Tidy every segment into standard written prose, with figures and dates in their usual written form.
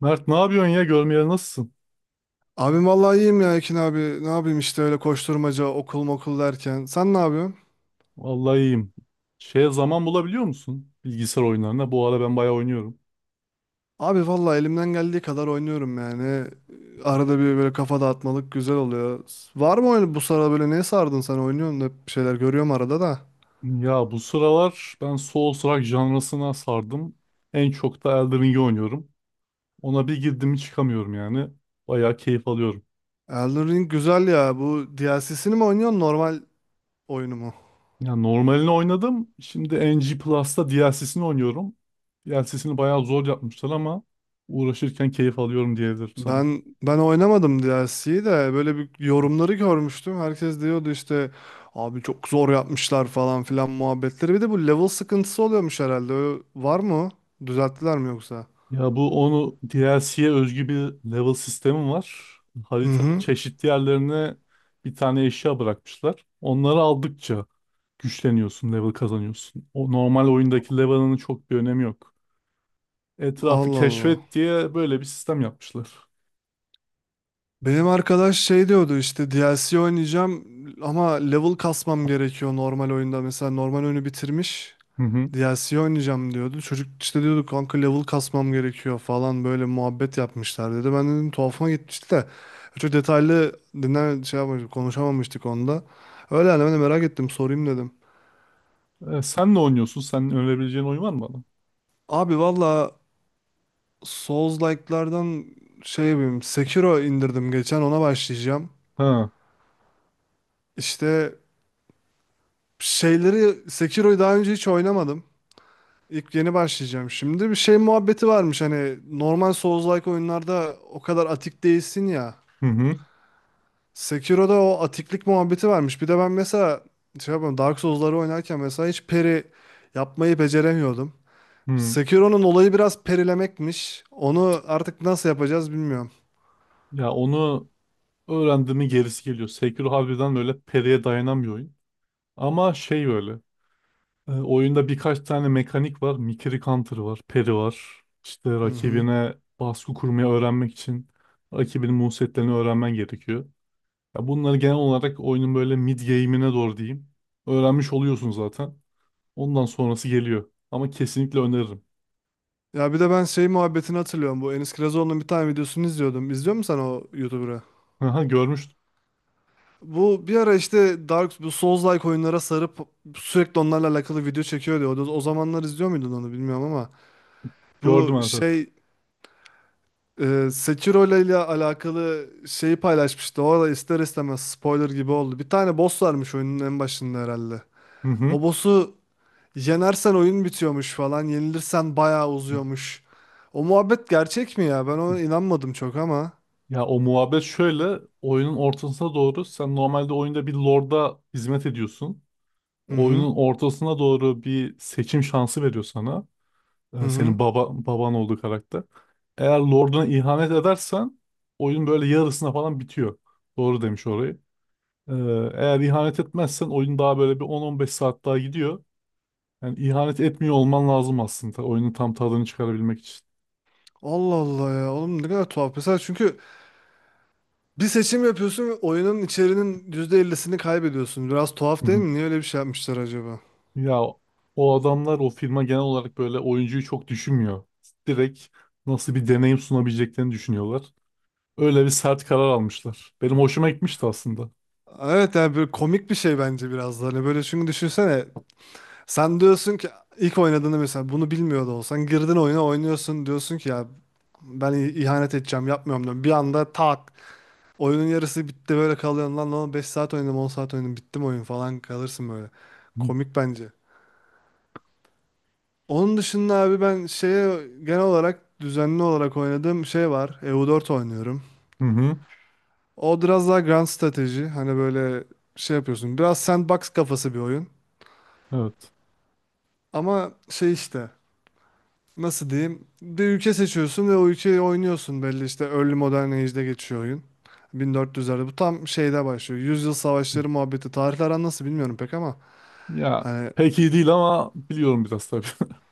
Mert ne yapıyorsun ya? Görmeyeli nasılsın? Abim vallahi iyiyim ya Ekin abi. Ne yapayım işte öyle koşturmaca okul mokul derken. Sen ne yapıyorsun? Vallahi iyiyim. Şeye zaman bulabiliyor musun? Bilgisayar oyunlarına. Bu ara ben bayağı oynuyorum. Abi vallahi elimden geldiği kadar oynuyorum yani. Arada bir böyle kafa dağıtmalık güzel oluyor. Var mı oyun bu sıra böyle neye sardın sen oynuyorsun da hep bir şeyler görüyorum arada da. Ya bu sıralar ben Souls-like janrasına sardım. En çok da Elden Ring'i oynuyorum. Ona bir girdim mi çıkamıyorum yani. Bayağı keyif alıyorum. Elden Ring güzel ya. Bu DLC'sini mi oynuyorsun normal oyunu mu? Ya normalini oynadım. Şimdi NG Plus'ta DLC'sini oynuyorum. DLC'sini bayağı zor yapmışlar ama uğraşırken keyif alıyorum diyebilirim sana. Ben oynamadım DLC'yi de böyle bir yorumları görmüştüm. Herkes diyordu işte abi çok zor yapmışlar falan filan muhabbetleri. Bir de bu level sıkıntısı oluyormuş herhalde. Var mı? O? Düzelttiler mi yoksa? Ya bu onu DLC'ye özgü bir level sistemi var. Hı Haritanın hı. çeşitli yerlerine bir tane eşya bırakmışlar. Onları aldıkça güçleniyorsun, level kazanıyorsun. O normal oyundaki level'ının çok bir önemi yok. Etrafı Allah Allah. keşfet diye böyle bir sistem yapmışlar. Benim arkadaş şey diyordu işte DLC oynayacağım ama level kasmam gerekiyor normal oyunda. Mesela normal oyunu bitirmiş. Hı hı. DLC oynayacağım diyordu. Çocuk işte diyordu kanka level kasmam gerekiyor falan böyle muhabbet yapmışlar dedi. Ben dedim tuhafıma gitmişti de çok detaylı dinler şey yapmamıştık, konuşamamıştık onda. Öyle yani ben de merak ettim sorayım dedim. E, sen ne oynuyorsun? Sen önerebileceğin oyun var mı bana? Abi valla Souls-like'lardan şey yapayım Sekiro indirdim geçen ona başlayacağım. Ha. İşte şeyleri Sekiro'yu daha önce hiç oynamadım. İlk yeni başlayacağım şimdi. Bir şey muhabbeti varmış hani normal Souls-like oyunlarda o kadar atik değilsin ya. Hı hı. Sekiro'da o atiklik muhabbeti varmış. Bir de ben mesela şey yapıyorum, Dark Souls'ları oynarken mesela hiç peri yapmayı beceremiyordum. Hı. Sekiro'nun olayı biraz perilemekmiş. Onu artık nasıl yapacağız bilmiyorum. Ya onu öğrendiğimin gerisi geliyor. Sekiro harbiden böyle periye dayanan bir oyun. Ama şey böyle. E, oyunda birkaç tane mekanik var. Mikiri Counter var, Peri var. İşte Hı hı. rakibine baskı kurmayı öğrenmek için rakibinin move öğrenmen gerekiyor. Ya bunları genel olarak oyunun böyle mid game'ine doğru diyeyim. Öğrenmiş oluyorsun zaten. Ondan sonrası geliyor. Ama kesinlikle öneririm. Ya bir de ben şey muhabbetini hatırlıyorum. Bu Enis Kirazoğlu'nun bir tane videosunu izliyordum. İzliyor musun sen o YouTuber'ı? Aha, görmüştüm. Bu bir ara işte Dark bu Souls-like oyunlara sarıp sürekli onlarla alakalı video çekiyordu. O zamanlar izliyor muydun onu bilmiyorum ama bu Gördüm, evet, evet. şey. Sekiro ile alakalı şeyi paylaşmıştı. Orada ister istemez spoiler gibi oldu. Bir tane boss varmış oyunun en başında herhalde. Hı hı. O boss'u yenersen oyun bitiyormuş falan. Yenilirsen bayağı uzuyormuş. O muhabbet gerçek mi ya? Ben ona inanmadım çok ama. Ya o muhabbet şöyle. Oyunun ortasına doğru sen normalde oyunda bir lorda hizmet ediyorsun. Hı hı. Oyunun ortasına doğru bir seçim şansı veriyor sana. Hı hı. Senin baba baban olduğu karakter. Eğer Lord'una ihanet edersen oyun böyle yarısına falan bitiyor. Doğru demiş orayı. Ee, Eğer ihanet etmezsen oyun daha böyle bir 10-15 saat daha gidiyor. Yani ihanet etmiyor olman lazım aslında oyunun tam tadını çıkarabilmek için. Allah Allah ya. Oğlum ne kadar tuhaf. Mesela çünkü bir seçim yapıyorsun ve oyunun içerinin %50'sini kaybediyorsun. Biraz Hı tuhaf değil hı. mi? Niye öyle bir şey yapmışlar acaba? Ya o adamlar, o firma, genel olarak böyle oyuncuyu çok düşünmüyor. Direkt nasıl bir deneyim sunabileceklerini düşünüyorlar. Öyle bir sert karar almışlar. Benim hoşuma gitmişti aslında. Evet yani böyle komik bir şey bence biraz da. Hani böyle çünkü düşünsene sen diyorsun ki ilk oynadığında mesela bunu bilmiyor da olsan girdin oyuna oynuyorsun diyorsun ki ya ben ihanet edeceğim yapmıyorum diyorum. Bir anda tak oyunun yarısı bitti böyle kalıyorsun lan lan 5 saat oynadım 10 saat oynadım bitti mi oyun falan kalırsın böyle. Hı Komik bence. Onun dışında abi ben şeye genel olarak düzenli olarak oynadığım şey var. EU4 oynuyorum. hı. Hı. O biraz daha grand strateji hani böyle şey yapıyorsun. Biraz sandbox kafası bir oyun. Evet. Ama şey işte, nasıl diyeyim? Bir ülke seçiyorsun ve o ülkeyi oynuyorsun belli işte Early Modern Age'de geçiyor oyun. 1400'lerde bu tam şeyde başlıyor. Yüzyıl savaşları muhabbeti. Tarihler an nasıl bilmiyorum pek ama Ya hani pek iyi değil ama biliyorum biraz tabii.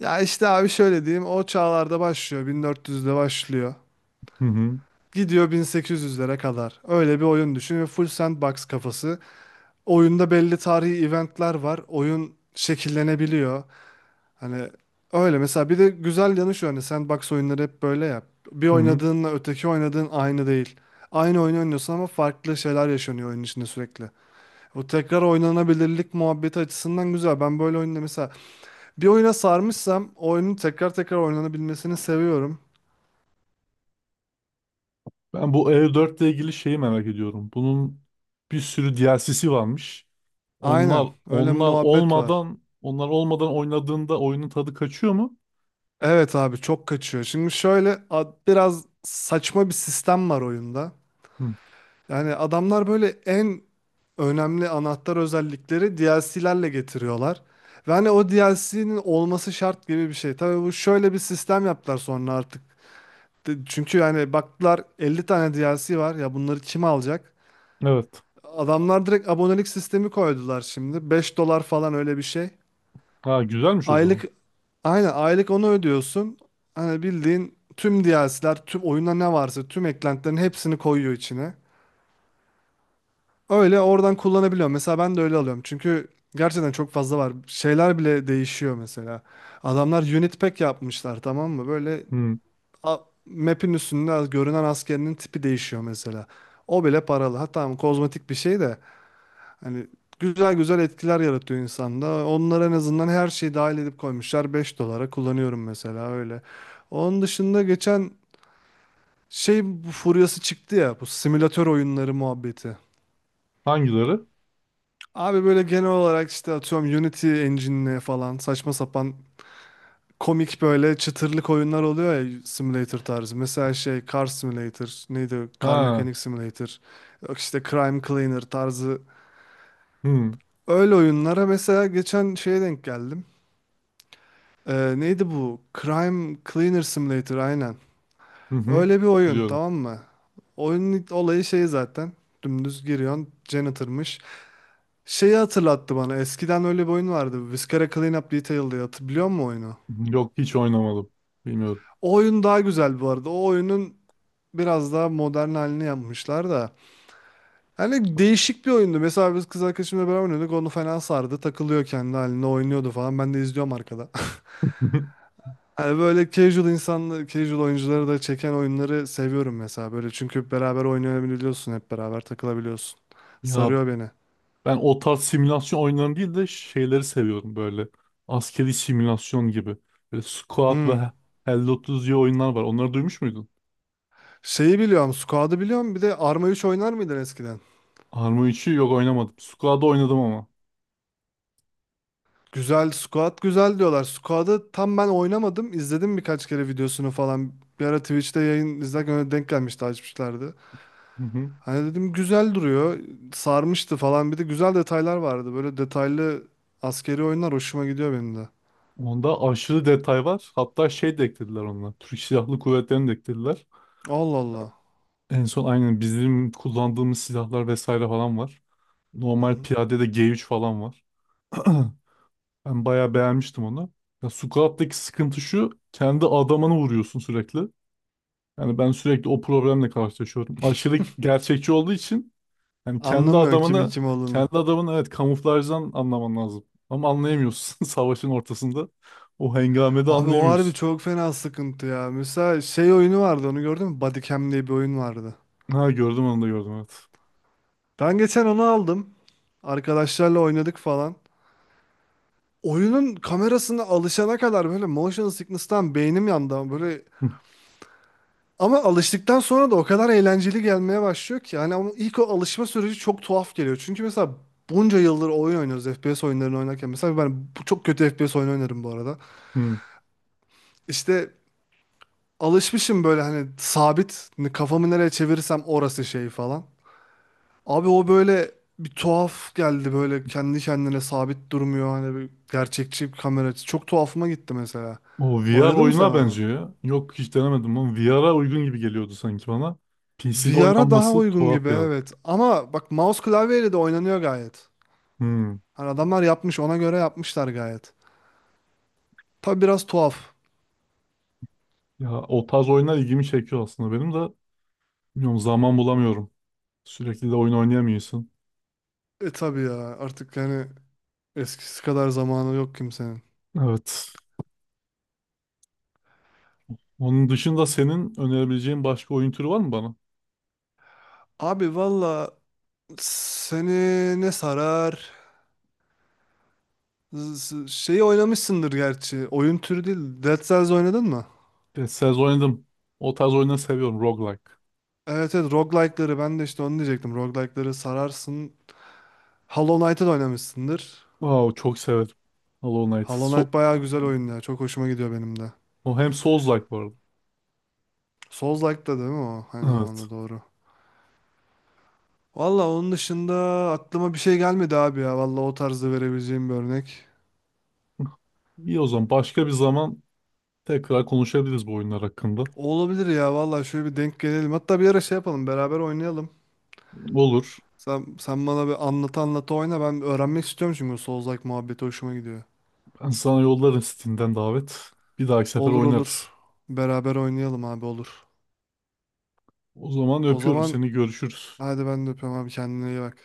ya işte abi şöyle diyeyim o çağlarda başlıyor. 1400'de başlıyor. Hı hı. Gidiyor 1800'lere kadar. Öyle bir oyun düşün ve full sandbox kafası. Oyunda belli tarihi eventler var. Oyun şekillenebiliyor. Hani öyle mesela bir de güzel yanı şu hani sandbox oyunları hep böyle ya. Bir Hı hı. oynadığınla öteki oynadığın aynı değil. Aynı oyunu oynuyorsun ama farklı şeyler yaşanıyor oyunun içinde sürekli. O tekrar oynanabilirlik muhabbeti açısından güzel. Ben böyle oyunda mesela bir oyuna sarmışsam o oyunun tekrar tekrar oynanabilmesini seviyorum. Ben bu E4 ile ilgili şeyi merak ediyorum. Bunun bir sürü DLC'si varmış. Aynen Onlar öyle bir onlar muhabbet var. olmadan onlar olmadan oynadığında oyunun tadı kaçıyor mu? Evet abi çok kaçıyor. Şimdi şöyle biraz saçma bir sistem var oyunda. Hı. Yani adamlar böyle en önemli anahtar özellikleri DLC'lerle getiriyorlar. Ve hani o DLC'nin olması şart gibi bir şey. Tabii bu şöyle bir sistem yaptılar sonra artık. Çünkü yani baktılar 50 tane DLC var ya bunları kim alacak? Evet. Adamlar direkt abonelik sistemi koydular şimdi. 5 dolar falan öyle bir şey. Ha, güzelmiş o zaman. Aylık aynen aylık onu ödüyorsun. Hani bildiğin tüm DLC'ler, tüm oyunda ne varsa tüm eklentilerin hepsini koyuyor içine. Öyle oradan kullanabiliyorum. Mesela ben de öyle alıyorum. Çünkü gerçekten çok fazla var. Şeyler bile değişiyor mesela. Adamlar unit pack yapmışlar tamam mı? Böyle Hı. a- map'in üstünde görünen askerinin tipi değişiyor mesela. O bile paralı. Ha tamam kozmetik bir şey de hani güzel güzel etkiler yaratıyor insanda. Onlara en azından her şeyi dahil edip koymuşlar. 5 dolara kullanıyorum mesela öyle. Onun dışında geçen şey bu furyası çıktı ya bu simülatör oyunları muhabbeti. Hangileri? Abi böyle genel olarak işte atıyorum Unity Engine'le falan saçma sapan komik böyle çıtırlık oyunlar oluyor ya simulator tarzı. Mesela şey Car Simulator neydi o? Car Ha. Mechanic Simulator yok işte Crime Cleaner tarzı Hı. öyle oyunlara mesela geçen şeye denk geldim. Neydi bu? Crime Cleaner Simulator aynen. Hı hı. Öyle bir oyun Biliyorum. tamam mı? Oyunun olayı şey zaten dümdüz giriyorsun janitor'mış. Şeyi hatırlattı bana. Eskiden öyle bir oyun vardı. Viscera Cleanup Detail diye. Hatırlıyor musun oyunu? Yok, hiç oynamadım. Bilmiyorum. O oyun daha güzel bu arada. O oyunun biraz daha modern halini yapmışlar da. Hani değişik bir oyundu. Mesela biz kız arkadaşımla beraber oynuyorduk. Onu fena sardı. Takılıyor kendi halinde oynuyordu falan. Ben de izliyorum arkada. Hani böyle casual insanları, casual oyuncuları da çeken oyunları seviyorum mesela. Böyle çünkü beraber oynayabiliyorsun. Hep beraber takılabiliyorsun. Ya Sarıyor beni. ben o tarz simülasyon oyunlarını değil de şeyleri seviyorum böyle. Askeri simülasyon gibi. Böyle Squad Hmm. ve Hello Tuesday oyunlar var. Onları duymuş muydun? Şeyi biliyorum. Squad'ı biliyorum. Bir de Arma 3 oynar mıydın eskiden? Arma 3'ü yok, oynamadım. Squad'da oynadım ama. Güzel Squad güzel diyorlar. Squad'ı tam ben oynamadım. İzledim birkaç kere videosunu falan. Bir ara Twitch'te yayın izlerken öyle denk gelmişti açmışlardı. Hı hı. Hani dedim güzel duruyor. Sarmıştı falan. Bir de güzel detaylar vardı. Böyle detaylı askeri oyunlar hoşuma gidiyor benim de. Onda aşırı detay var. Hatta şey de eklediler onlar. Türk Silahlı Kuvvetleri'ni de eklediler. Allah Allah. En son aynen bizim kullandığımız silahlar vesaire falan var. Hı Normal hı. piyadede G3 falan var. Ben bayağı beğenmiştim onu. Ya Squad'daki sıkıntı şu. Kendi adamını vuruyorsun sürekli. Yani ben sürekli o problemle karşılaşıyorum. Aşırı gerçekçi olduğu için. Yani Anlamıyorsun kimin kim olduğunu. kendi adamını, evet, kamuflajdan anlaman lazım. Ama anlayamıyorsun savaşın ortasında. O hengamede Abi o harbi anlayamıyorsun. çok fena sıkıntı ya. Mesela şey oyunu vardı onu gördün mü? Bodycam diye bir oyun vardı. Ha, gördüm, onu da gördüm, evet. Ben geçen onu aldım. Arkadaşlarla oynadık falan. Oyunun kamerasına alışana kadar böyle motion sickness'tan beynim yandı ama böyle Hı, ama alıştıktan sonra da o kadar eğlenceli gelmeye başlıyor ki yani ama ilk o alışma süreci çok tuhaf geliyor. Çünkü mesela bunca yıldır oyun oynuyoruz FPS oyunlarını oynarken mesela ben çok kötü FPS oyunu oynarım bu arada. hı. İşte alışmışım böyle hani sabit hani kafamı nereye çevirirsem orası şey falan. Abi o böyle bir tuhaf geldi böyle kendi kendine sabit durmuyor hani bir gerçekçi bir kamera açısı. Çok tuhafıma gitti mesela. O VR Oynadın mı sen oyuna onu? benziyor ya. Yok, hiç denemedim ama VR'a uygun gibi geliyordu sanki bana. PC'de VR'a daha oynanması uygun tuhaf gibi geldi. evet. Ama bak mouse klavyeyle de oynanıyor gayet. Hı. Hani adamlar yapmış ona göre yapmışlar gayet. Tabi biraz tuhaf. Ya o tarz oyunlar ilgimi çekiyor aslında benim de. Bilmiyorum, zaman bulamıyorum. Sürekli de oyun oynayamıyorsun. E tabi ya artık yani eskisi kadar zamanı yok kimsenin. Evet. Onun dışında senin önerebileceğin başka oyun türü var mı bana? Abi valla seni ne sarar? Şeyi oynamışsındır gerçi. Oyun türü değil. Dead Cells oynadın mı? Deniz oynadım. O tarz oyunları seviyorum. Roguelike. Evet evet roguelike'ları ben de işte onu diyecektim. Roguelike'ları sararsın. Hollow Knight'ı da oynamışsındır. Wow, çok severim. Hollow Knight. Hollow So Knight bayağı güzel oyun ya. Çok hoşuma gidiyor benim de. o hem Souls-like bu arada. Soulslike'da değil mi o? Aynı Evet. zamanda doğru. Valla onun dışında aklıma bir şey gelmedi abi ya. Valla o tarzda verebileceğim bir örnek. İyi, o zaman. Başka bir zaman tekrar konuşabiliriz bu oyunlar hakkında. Olabilir ya valla şöyle bir denk gelelim. Hatta bir ara şey yapalım beraber oynayalım. Olur. Sen bana bir anlat anlat oyna. Ben öğrenmek istiyorum çünkü Souls-like muhabbeti hoşuma gidiyor. Ben sana yollarım Steam'den davet. Bir dahaki sefer Olur oynarız. olur. Beraber oynayalım abi olur. O zaman O öpüyorum zaman seni. Görüşürüz. hadi ben de öpüyorum abi kendine iyi bak.